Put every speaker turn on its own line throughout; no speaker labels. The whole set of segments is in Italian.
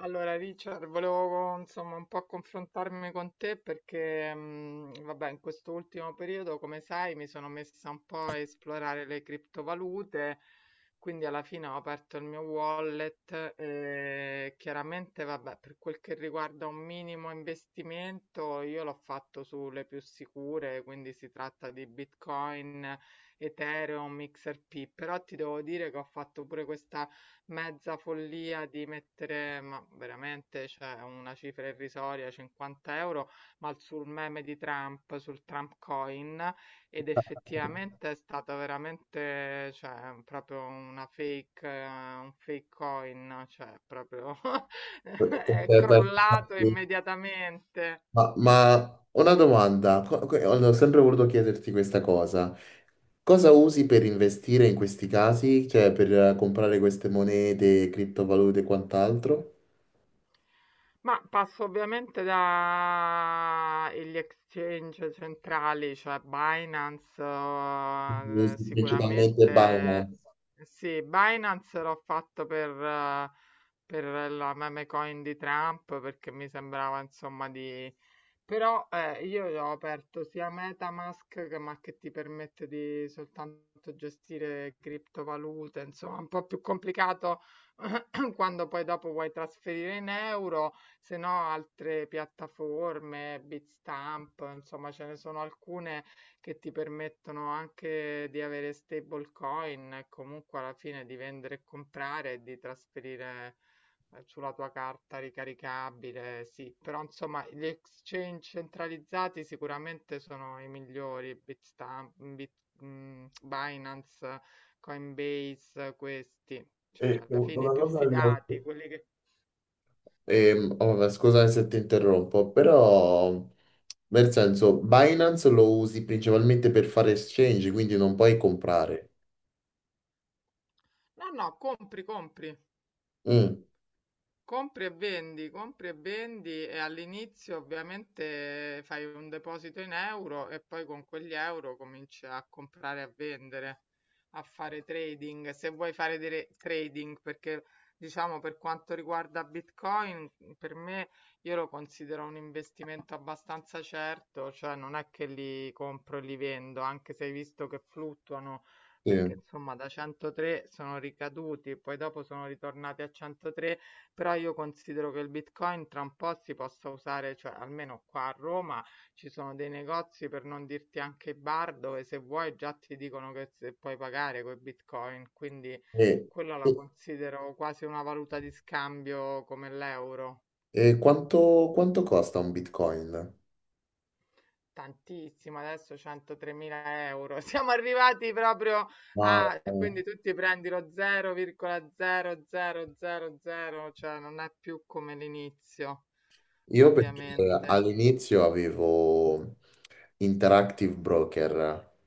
Allora, Richard, volevo insomma un po' confrontarmi con te perché, vabbè, in questo ultimo periodo, come sai, mi sono messa un po' a esplorare le criptovalute, quindi alla fine ho aperto il mio wallet e chiaramente, vabbè, per quel che riguarda un minimo investimento, io l'ho fatto sulle più sicure, quindi si tratta di Bitcoin, Ethereum, XRP, però ti devo dire che ho fatto pure questa mezza follia di mettere, ma veramente, cioè una cifra irrisoria, 50 euro, ma sul meme di Trump, sul Trump coin, ed effettivamente è stata veramente, cioè, proprio una fake, un fake coin, cioè, proprio
Per-
è
per-
crollato immediatamente.
Una domanda, ho sempre voluto chiederti questa cosa. Cosa usi per investire in questi casi? Cioè per comprare queste monete, criptovalute e quant'altro?
Ma passo ovviamente da e gli exchange centrali, cioè Binance,
Usi principalmente Binance.
sicuramente sì, Binance l'ho fatto per la meme coin di Trump perché mi sembrava insomma di... Però io ho aperto sia MetaMask che, ma che ti permette di soltanto gestire criptovalute, insomma, un po' più complicato quando poi dopo vuoi trasferire in euro. Se no, altre piattaforme, Bitstamp, insomma, ce ne sono alcune che ti permettono anche di avere stablecoin e comunque alla fine di vendere e comprare e di trasferire sulla tua carta ricaricabile, sì, però insomma gli exchange centralizzati sicuramente sono i migliori, Bitstamp, Bit, Binance, Coinbase, questi, cioè
E
alla fine i
una
più
cosa che ho-
fidati, quelli che...
oh, Scusami se ti interrompo, però nel senso Binance lo usi principalmente per fare exchange, quindi non puoi comprare.
No, no, compri, compri.
Mm,
Compri e vendi, compri e vendi, e all'inizio ovviamente fai un deposito in euro e poi con quegli euro cominci a comprare e a vendere, a fare trading. Se vuoi fare trading, perché diciamo per quanto riguarda Bitcoin, per me io lo considero un investimento abbastanza certo, cioè non è che li compro e li vendo, anche se hai visto che fluttuano,
sì.
perché insomma da 103 sono ricaduti, poi dopo sono ritornati a 103, però io considero che il Bitcoin tra un po' si possa usare, cioè almeno qua a Roma ci sono dei negozi, per non dirti anche i bar, dove se vuoi già ti dicono che se puoi pagare con Bitcoin, quindi
E-
quella la considero quasi una valuta di scambio come l'euro.
E quanto, quanto costa un Bitcoin?
Tantissimo, adesso 103.000 euro. Siamo arrivati proprio
Ma
a... E
eh,
quindi tu ti prendi lo 0,0000, cioè non è più come l'inizio,
io perché
ovviamente.
all'inizio avevo Interactive Broker,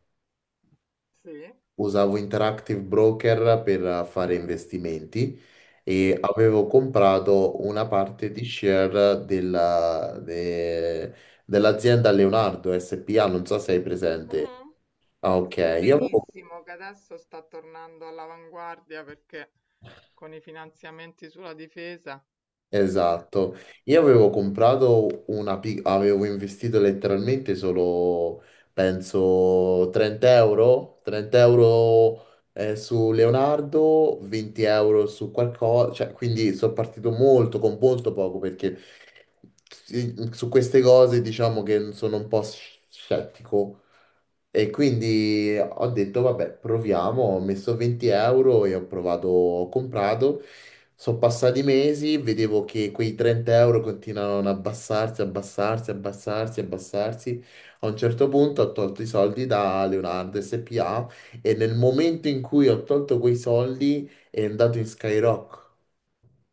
Sì.
usavo Interactive Broker per fare investimenti e avevo comprato una parte di share dell'azienda Leonardo SPA, non so se hai presente.
Mh-mh.
Ah, ok, io avevo.
Benissimo, che adesso sta tornando all'avanguardia perché con i finanziamenti sulla difesa.
Esatto, io avevo comprato avevo investito letteralmente solo, penso, 30 euro, 30 euro su Leonardo, 20 euro su qualcosa, cioè, quindi sono partito molto con molto poco perché sì, su queste cose diciamo che sono un po' scettico e quindi ho detto, vabbè, proviamo, ho messo 20 euro e ho provato, ho comprato. Sono passati mesi, vedevo che quei 30 euro continuavano ad abbassarsi, abbassarsi, abbassarsi, abbassarsi. A un certo punto ho tolto i soldi da Leonardo SPA e nel momento in cui ho tolto quei soldi è andato in Skyrock.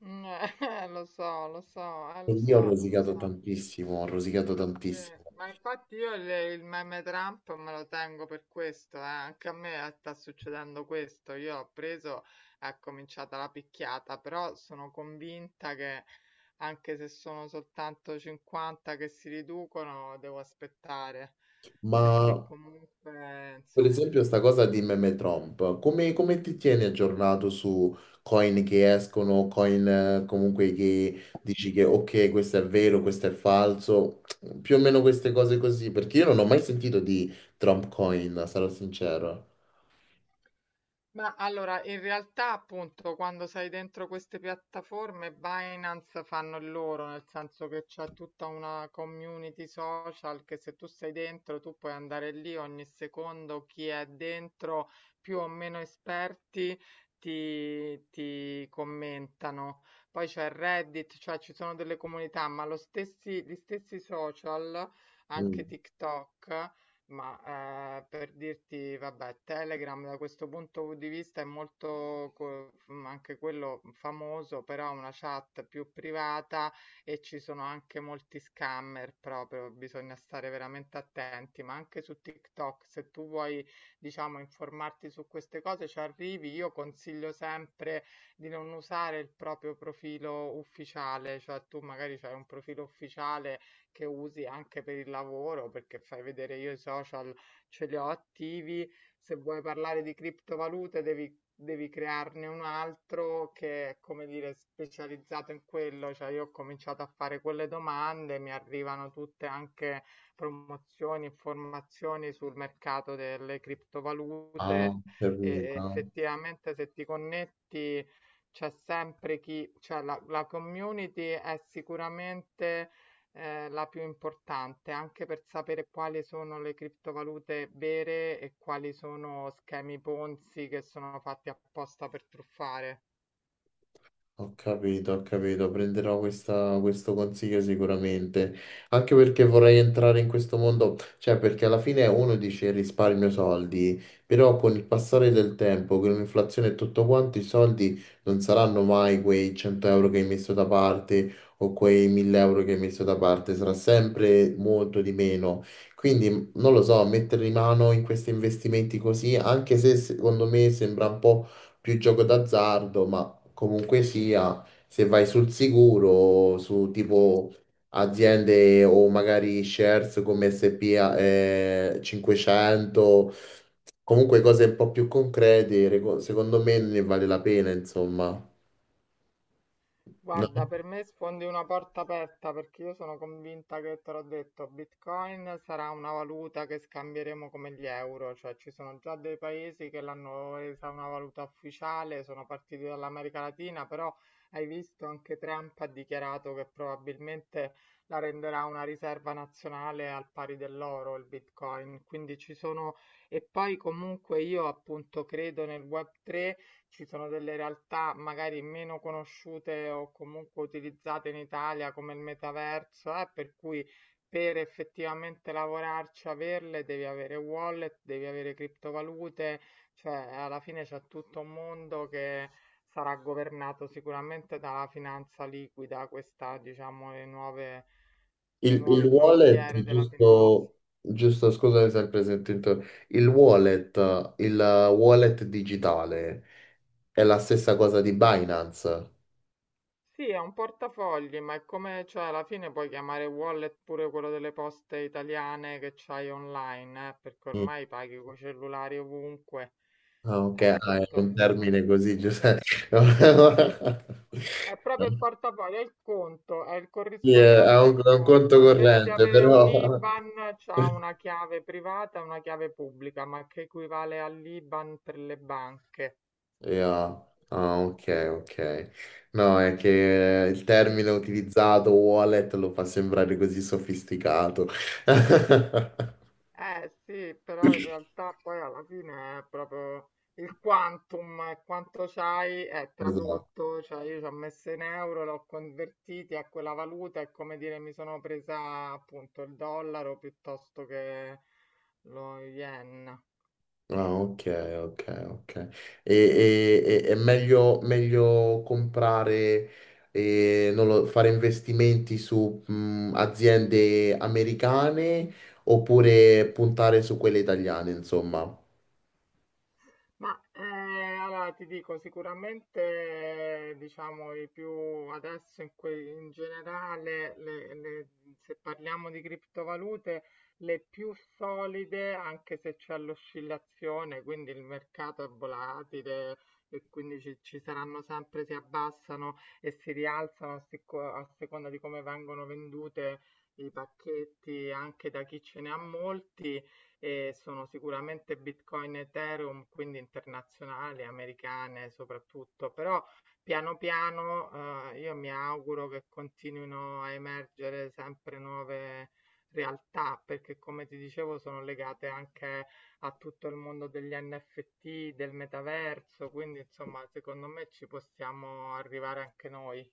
Mh, lo so, lo so,
E
lo
lì ho
so, lo
rosicato
so.
tantissimo, ho rosicato
Sì,
tantissimo.
ma infatti io il meme Trump me lo tengo per questo, eh. Anche a me sta succedendo questo. Io ho preso, è cominciata la picchiata, però sono convinta che anche se sono soltanto 50 che si riducono, devo aspettare,
Ma
perché comunque,
Per
insomma.
esempio, sta cosa di meme Trump, come, come ti tieni aggiornato su coin che escono, coin comunque che dici che ok, questo è vero, questo è falso, più o meno queste cose così, perché io non ho mai sentito di Trump coin, sarò sincero.
Ma allora, in realtà appunto quando sei dentro queste piattaforme, Binance fanno il loro, nel senso che c'è tutta una community social che se tu sei dentro tu puoi andare lì ogni secondo, chi è dentro, più o meno esperti, ti commentano. Poi c'è Reddit, cioè ci sono delle comunità, ma gli stessi social,
Mm.
anche TikTok. Ma per dirti, vabbè, Telegram da questo punto di vista è molto anche quello famoso, però è una chat più privata e ci sono anche molti scammer proprio, bisogna stare veramente attenti, ma anche su TikTok, se tu vuoi, diciamo, informarti su queste cose, ci arrivi. Io consiglio sempre di non usare il proprio profilo ufficiale, cioè tu magari hai un profilo ufficiale che usi anche per il lavoro, perché fai vedere io i social ce li ho attivi. Se vuoi parlare di criptovalute, devi crearne un altro che è, come dire, specializzato in quello. Cioè, io ho cominciato a fare quelle domande, mi arrivano tutte anche promozioni, informazioni sul mercato delle
Ah,
criptovalute, e
capito.
effettivamente se ti connetti c'è sempre chi, cioè la community è sicuramente la più importante, anche per sapere quali sono le criptovalute vere e quali sono schemi Ponzi che sono fatti apposta per truffare.
Ho capito, ho capito, prenderò questo consiglio sicuramente, anche perché vorrei entrare in questo mondo, cioè perché alla fine uno dice risparmio soldi, però con il passare del tempo, con l'inflazione e tutto quanto, i soldi non saranno mai quei 100 euro che hai messo da parte o quei 1000 euro che hai messo da parte, sarà sempre molto di meno. Quindi non lo so, mettere in mano in questi investimenti così, anche se secondo me sembra un po' più gioco d'azzardo, ma comunque sia, se vai sul sicuro, su tipo aziende o magari shares come S&P 500, comunque cose un po' più concrete, secondo me ne vale la pena, insomma.
Guarda,
No?
per me sfondi una porta aperta perché io sono convinta, che te l'ho detto, Bitcoin sarà una valuta che scambieremo come gli euro, cioè ci sono già dei paesi che l'hanno resa una valuta ufficiale, sono partiti dall'America Latina, però hai visto anche Trump ha dichiarato che probabilmente la renderà una riserva nazionale al pari dell'oro, il Bitcoin, quindi ci sono, e poi comunque io appunto credo nel Web3, ci sono delle realtà magari meno conosciute o comunque utilizzate in Italia come il metaverso, per cui per effettivamente lavorarci, averle, devi avere wallet, devi avere criptovalute, cioè alla fine c'è tutto un mondo che sarà governato sicuramente dalla finanza liquida, questa, diciamo, le
Il
nuove
wallet,
frontiere della finanza.
giusto, giusto, scusami sempre se ti il wallet digitale è la stessa cosa di Binance.
Sì, è un portafogli, ma è come, cioè, alla fine puoi chiamare wallet pure quello delle poste italiane che c'hai online, perché ormai paghi con cellulari ovunque.
Ah, ok, ah, è
Appunto,
un termine così,
sì.
Giuseppe.
È proprio il portafoglio, è il conto, è il
Sì,
corrispondente del
è un conto
conto. Invece di
corrente,
avere un
però...
IBAN, c'ha una chiave privata e una chiave pubblica, ma che equivale all'IBAN per le banche.
Yeah. Ah, ok, ok. No, è che il termine utilizzato, wallet, lo fa sembrare così sofisticato.
Eh sì, però in realtà poi alla fine è proprio il quantum, è quanto c'hai è
Esatto.
tradotto, cioè io ci ho messo in euro, l'ho convertiti a quella valuta, è come dire mi sono presa appunto il dollaro piuttosto che lo yen.
Ah, ok, ok, ok. È meglio, meglio comprare, non lo- fare investimenti su aziende americane oppure puntare su quelle italiane, insomma.
Ma allora ti dico, sicuramente diciamo i più adesso in generale, se parliamo di criptovalute, le più solide, anche se c'è l'oscillazione, quindi il mercato è volatile e quindi ci saranno sempre, si abbassano e si rialzano a seconda di come vengono vendute i pacchetti anche da chi ce ne ha molti, e sono sicuramente Bitcoin e Ethereum, quindi internazionali, americane soprattutto, però piano piano io mi auguro che continuino a emergere sempre nuove realtà, perché come ti dicevo sono legate anche a tutto il mondo degli NFT, del metaverso, quindi insomma secondo me ci possiamo arrivare anche noi.